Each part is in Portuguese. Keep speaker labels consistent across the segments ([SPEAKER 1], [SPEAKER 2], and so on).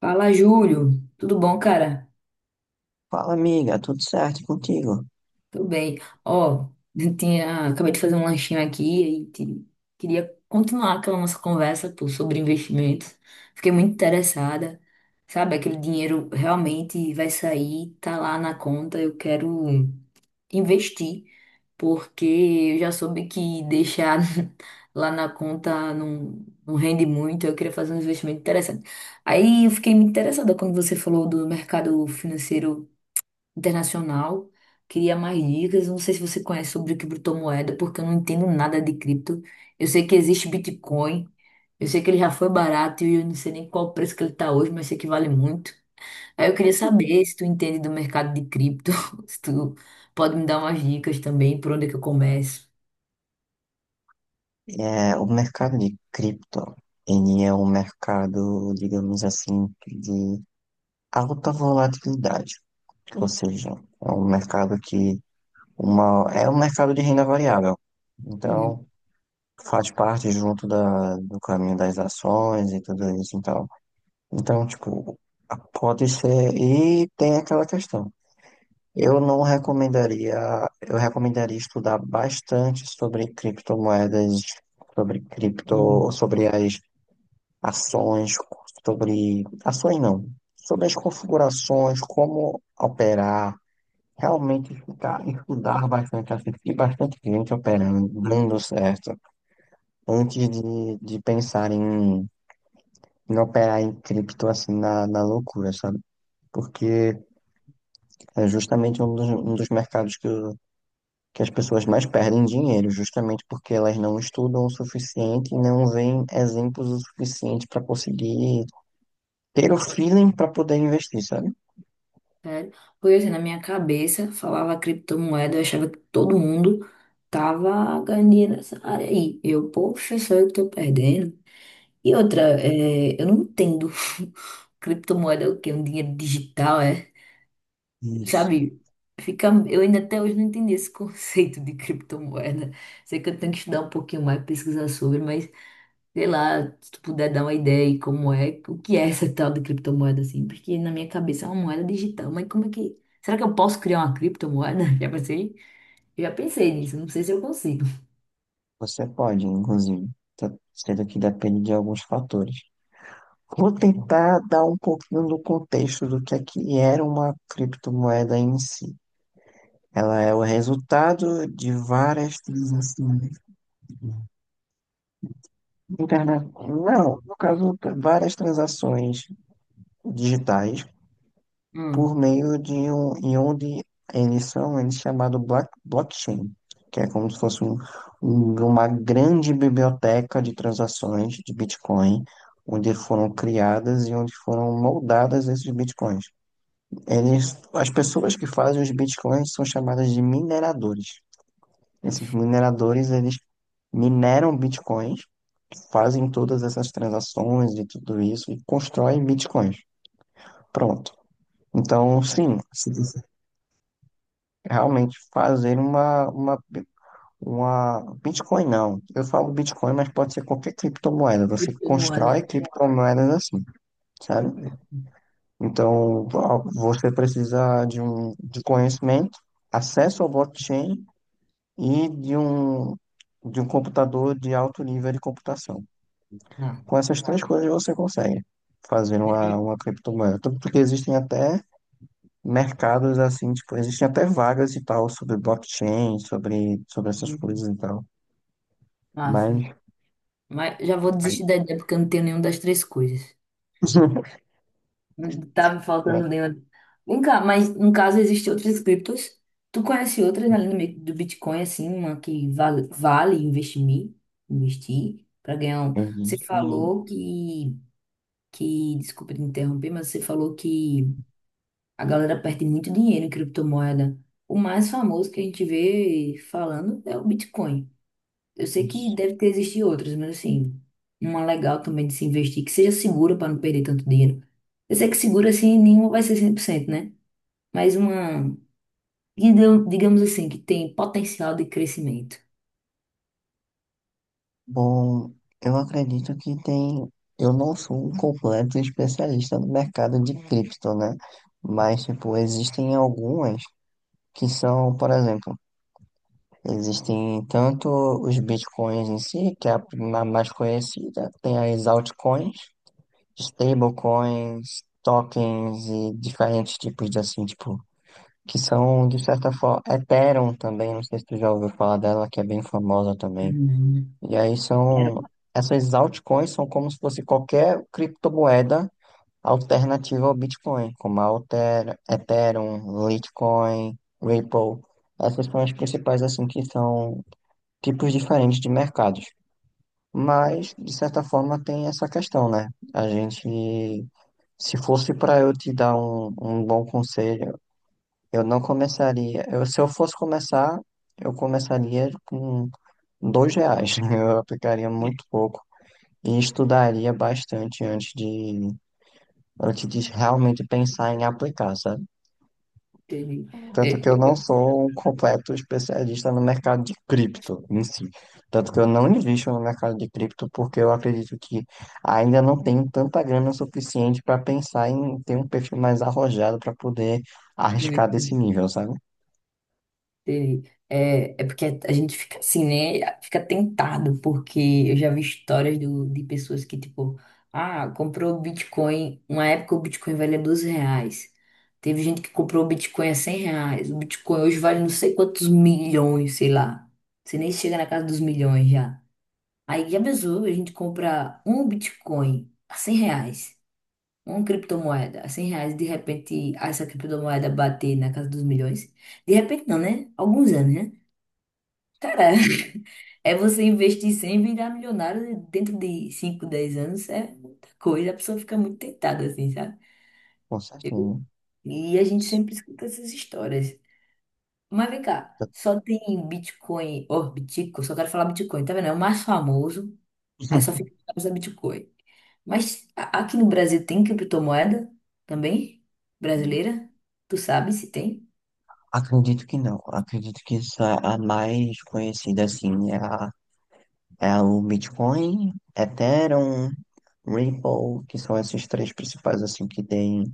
[SPEAKER 1] Fala, Júlio. Tudo bom, cara?
[SPEAKER 2] Fala, amiga, tudo certo contigo?
[SPEAKER 1] Tudo bem. Ó, acabei de fazer um lanchinho aqui e queria continuar aquela nossa conversa, pô, sobre investimentos. Fiquei muito interessada. Sabe, aquele dinheiro realmente vai sair, tá lá na conta. Eu quero investir, porque eu já soube que deixar lá na conta não rende muito. Eu queria fazer um investimento interessante. Aí eu fiquei muito interessada quando você falou do mercado financeiro internacional. Queria mais dicas. Não sei se você conhece sobre criptomoeda, porque eu não entendo nada de cripto. Eu sei que existe Bitcoin. Eu sei que ele já foi barato e eu não sei nem qual o preço que ele está hoje, mas sei que vale muito. Aí eu queria saber se tu entende do mercado de cripto, se tu pode me dar umas dicas também, por onde é que eu começo.
[SPEAKER 2] É, o mercado de cripto, ele é um mercado, digamos assim, de alta volatilidade, ou seja, é um mercado que é um mercado de renda variável.
[SPEAKER 1] Uhum.
[SPEAKER 2] Então, faz parte junto do caminho das ações e tudo isso, então. Então, tipo, pode ser, e tem aquela questão. Eu não recomendaria, eu recomendaria estudar bastante sobre criptomoedas, sobre
[SPEAKER 1] Hum.
[SPEAKER 2] cripto, sobre as ações, sobre ações não, sobre as configurações, como operar, realmente ficar, estudar bastante, assistir bastante gente operando, dando certo, antes de pensar em operar em cripto assim na loucura, sabe? Porque é justamente um dos mercados que as pessoas mais perdem dinheiro, justamente porque elas não estudam o suficiente e não veem exemplos o suficiente para conseguir ter o feeling para poder investir, sabe?
[SPEAKER 1] Sério? Porque assim, na minha cabeça falava criptomoeda, eu achava que todo mundo tava ganhando nessa área aí. Eu, poxa, sou eu tô perdendo. E outra, é, eu não entendo. Criptomoeda é o quê? Um dinheiro digital, é?
[SPEAKER 2] Isso.
[SPEAKER 1] Sabe? Fica, eu ainda até hoje não entendi esse conceito de criptomoeda. Sei que eu tenho que estudar um pouquinho mais, pesquisar sobre, mas sei lá, se tu puder dar uma ideia aí como é, o que é essa tal de criptomoeda, assim, porque na minha cabeça é uma moeda digital, mas como é que. Será que eu posso criar uma criptomoeda? Já pensei? Eu já pensei nisso, não sei se eu consigo.
[SPEAKER 2] Você pode, inclusive, sendo que depende de alguns fatores. Vou tentar dar um pouquinho do contexto do que é que era uma criptomoeda em si. Ela é o resultado de várias transações. Internet. Não, no caso, várias transações digitais por
[SPEAKER 1] Hum,
[SPEAKER 2] meio de um ion de emissão, ele é chamado blockchain, que é como se fosse uma grande biblioteca de transações de Bitcoin, onde foram criadas e onde foram moldadas esses Bitcoins. Eles, as pessoas que fazem os Bitcoins são chamadas de mineradores.
[SPEAKER 1] uma
[SPEAKER 2] Esses mineradores, eles mineram Bitcoins, fazem todas essas transações e tudo isso e constroem Bitcoins. Pronto. Então, sim, realmente fazer uma Bitcoin, não. Eu falo Bitcoin, mas pode ser qualquer criptomoeda. Você
[SPEAKER 1] criptomoeda.
[SPEAKER 2] constrói criptomoedas assim, sabe?
[SPEAKER 1] Hum,
[SPEAKER 2] Então, ah, você precisa de conhecimento, acesso ao blockchain e de um computador de alto nível de computação.
[SPEAKER 1] Ah,
[SPEAKER 2] Com essas três coisas você consegue fazer uma,
[SPEAKER 1] aí,
[SPEAKER 2] uma criptomoeda. Tanto que existem até mercados assim, tipo, existem até vagas e tal sobre blockchain, sobre, sobre essas coisas
[SPEAKER 1] hum,
[SPEAKER 2] e tal.
[SPEAKER 1] massa.
[SPEAKER 2] Mas,
[SPEAKER 1] Mas já vou desistir da ideia porque eu não tenho nenhuma das três coisas. Não tá me
[SPEAKER 2] mas
[SPEAKER 1] faltando nenhuma. Vem cá, mas no caso existem outras criptos. Tu conhece outras além do do Bitcoin, assim, uma que vale, vale investir, investir para ganhar um. Você
[SPEAKER 2] existem.
[SPEAKER 1] falou que desculpa te interromper, mas você falou que a galera perde muito dinheiro em criptomoeda. O mais famoso que a gente vê falando é o Bitcoin. Eu sei que deve ter existido outras, mas assim, uma legal também de se investir, que seja segura para não perder tanto dinheiro. Eu sei que segura assim, nenhuma vai ser 100%, né? Mas uma, digamos assim, que tem potencial de crescimento.
[SPEAKER 2] Bom, eu acredito que tem. Eu não sou um completo especialista no mercado de cripto, né? Mas, tipo, existem algumas que são, por exemplo, existem tanto os bitcoins em si, que é a na mais conhecida, tem as altcoins, Stablecoins, tokens e diferentes tipos de assim, tipo, que são de certa forma. Ethereum também, não sei se tu já ouviu falar dela, que é bem famosa também.
[SPEAKER 1] Hum.
[SPEAKER 2] E aí
[SPEAKER 1] Era-
[SPEAKER 2] são. Essas altcoins são como se fosse qualquer criptomoeda alternativa ao Bitcoin, como a Alter, Ethereum, Litecoin, Ripple. Essas são as principais, assim, que são tipos diferentes de mercados. Mas, de certa forma, tem essa questão, né? A gente, se fosse para eu te dar um bom conselho, eu não começaria. Eu, se eu fosse começar, eu começaria com R$ 2. Eu aplicaria muito pouco e estudaria bastante antes de, realmente pensar em aplicar, sabe?
[SPEAKER 1] teve- é,
[SPEAKER 2] Tanto que eu não
[SPEAKER 1] é,
[SPEAKER 2] sou um completo especialista no mercado de cripto em si. Tanto que eu não invisto no mercado de cripto porque eu acredito que ainda não tenho tanta grana suficiente para pensar em ter um perfil mais arrojado para poder
[SPEAKER 1] é,
[SPEAKER 2] arriscar desse nível, sabe?
[SPEAKER 1] Entendi. É porque a gente fica assim, né? Fica tentado, porque eu já vi histórias do, de pessoas que, tipo, ah, comprou o Bitcoin. Uma época o Bitcoin valia 12 reais. Teve gente que comprou o Bitcoin a 100 reais. O Bitcoin hoje vale não sei quantos milhões, sei lá. Você nem chega na casa dos milhões já. Aí já pensou, a gente compra um Bitcoin a 100 reais, uma criptomoeda a 100 reais, de repente essa criptomoeda bater na casa dos milhões. De repente não, né? Alguns anos, né? Cara, é você investir 100 e virar milionário dentro de 5, 10 anos é muita coisa. A pessoa fica muito tentada, assim, sabe?
[SPEAKER 2] Com certeza.
[SPEAKER 1] E a gente sempre escuta essas histórias. Mas vem cá, só tem Bitcoin, ó, Bitcoin, só quero falar Bitcoin, tá vendo? É o mais famoso, aí só fica a Bitcoin. Mas aqui no Brasil tem criptomoeda também? Brasileira? Tu sabe se tem?
[SPEAKER 2] Acredito que não. Acredito que essa, a mais conhecida assim é o Bitcoin, Ethereum, Ripple, que são esses três principais assim que tem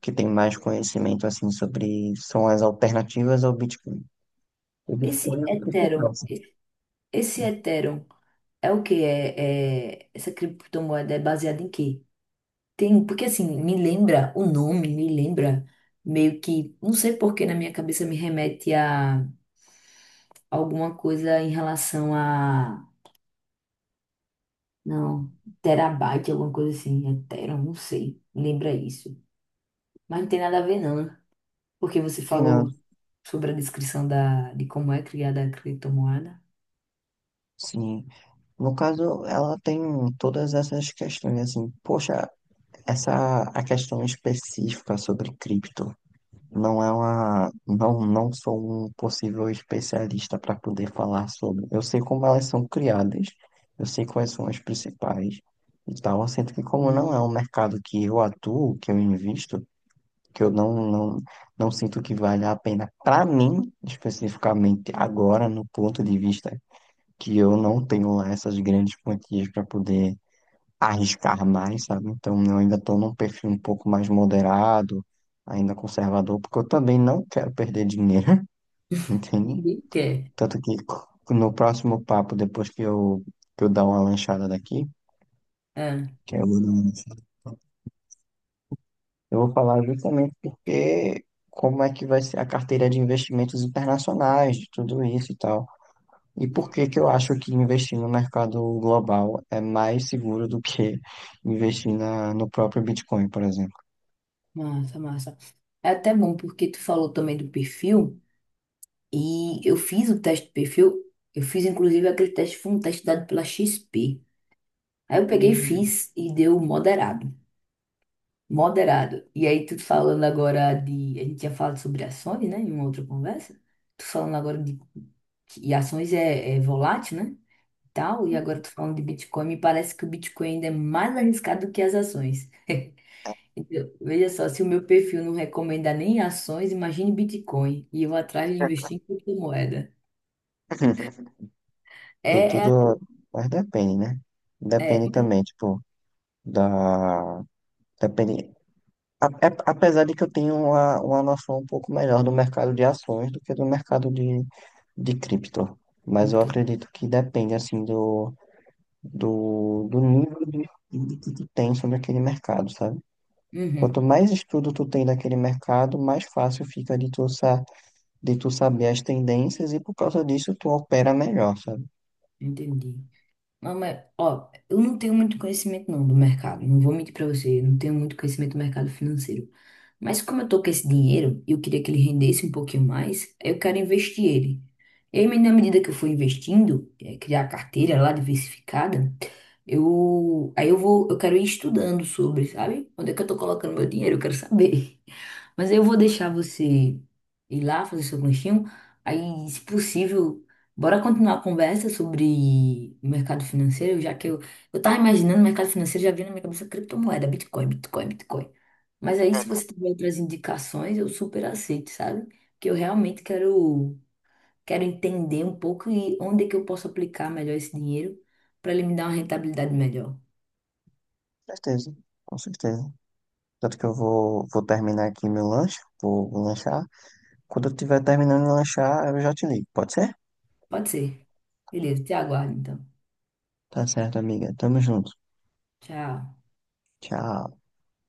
[SPEAKER 2] que tem mais conhecimento assim sobre são as alternativas ao Bitcoin. O
[SPEAKER 1] Esse
[SPEAKER 2] Bitcoin é o principal,
[SPEAKER 1] Ethereum,
[SPEAKER 2] assim.
[SPEAKER 1] esse Ethereum é o quê? Essa criptomoeda é baseada em quê? Tem, porque assim, me lembra o nome, me lembra meio que, não sei por que na minha cabeça me remete a alguma coisa em relação a, não, terabyte, alguma coisa assim, é tera, não sei, lembra isso. Mas não tem nada a ver não, né? Porque você
[SPEAKER 2] Sim, não.
[SPEAKER 1] falou sobre a descrição da, de como é criada a criptomoeda.
[SPEAKER 2] Sim. No caso, ela tem todas essas questões assim. Poxa, essa a questão específica sobre cripto. Não é uma, não, não sou um possível especialista para poder falar sobre. Eu sei como elas são criadas, eu sei quais são as principais e tal, sendo que como não
[SPEAKER 1] Hum.
[SPEAKER 2] é um mercado que eu atuo, que eu invisto, que eu não sinto que vale a pena para mim, especificamente agora, no ponto de vista que eu não tenho lá essas grandes quantias para poder arriscar mais, sabe? Então eu ainda estou num perfil um pouco mais moderado, ainda conservador, porque eu também não quero perder dinheiro, entende?
[SPEAKER 1] Ninguém quer.
[SPEAKER 2] Tanto que no próximo papo, depois que eu dar uma lanchada daqui,
[SPEAKER 1] É,
[SPEAKER 2] que eu vou dar uma. Eu vou falar justamente porque como é que vai ser a carteira de investimentos internacionais, de tudo isso e tal. E por que que eu acho que investir no mercado global é mais seguro do que investir na, no próprio Bitcoin, por exemplo.
[SPEAKER 1] massa, massa. É até bom porque tu falou também do perfil. E eu fiz o teste de perfil, eu fiz inclusive aquele teste, foi um teste dado pela XP. Aí eu peguei e
[SPEAKER 2] Hum.
[SPEAKER 1] fiz e deu moderado. Moderado. E aí tu falando agora de. A gente tinha falado sobre ações, né? Em uma outra conversa. Tu falando agora de. E ações é volátil, né? E tal, e agora tu falando de Bitcoin, me parece que o Bitcoin ainda é mais arriscado do que as ações. Então, veja só, se o meu perfil não recomenda nem ações, imagine Bitcoin. E eu atrás de investir em criptomoeda.
[SPEAKER 2] Tem
[SPEAKER 1] É, é,
[SPEAKER 2] tudo, mas depende, né?
[SPEAKER 1] é.
[SPEAKER 2] Depende também, tipo, da. Depende. Apesar de que eu tenho uma noção um pouco melhor do mercado de ações do que do mercado de cripto, mas eu
[SPEAKER 1] Cripto.
[SPEAKER 2] acredito que depende assim do, do nível de estudo que tu tem sobre aquele mercado, sabe? Quanto
[SPEAKER 1] Uhum,
[SPEAKER 2] mais estudo tu tem daquele mercado, mais fácil fica de tu saber as tendências e por causa disso tu opera melhor, sabe?
[SPEAKER 1] entendi. Não, mas, ó, eu não tenho muito conhecimento não do mercado. Não vou mentir pra você, eu não tenho muito conhecimento do mercado financeiro. Mas como eu tô com esse dinheiro e eu queria que ele rendesse um pouquinho mais, eu quero investir ele. E aí, na medida que eu for investindo, criar a carteira lá diversificada, eu aí eu vou, eu quero ir estudando sobre, sabe? Onde é que eu tô colocando meu dinheiro? Eu quero saber. Mas aí eu vou deixar você ir lá fazer seu lanchinho. Aí, se possível, bora continuar a conversa sobre o mercado financeiro, já que eu tava imaginando o mercado financeiro, já vinha na minha cabeça criptomoeda, Bitcoin, Bitcoin, Bitcoin. Mas aí, se você tiver outras indicações, eu super aceito, sabe? Que eu realmente quero, quero entender um pouco e onde é que eu posso aplicar melhor esse dinheiro para ele me dar uma rentabilidade melhor.
[SPEAKER 2] Com certeza, com certeza. Tanto que eu vou terminar aqui meu lanche, vou lanchar. Quando eu estiver terminando de lanchar, eu já te ligo, pode ser?
[SPEAKER 1] Pode ser. Beleza, te aguardo então.
[SPEAKER 2] Tá certo, amiga. Tamo junto.
[SPEAKER 1] Tchau.
[SPEAKER 2] Tchau.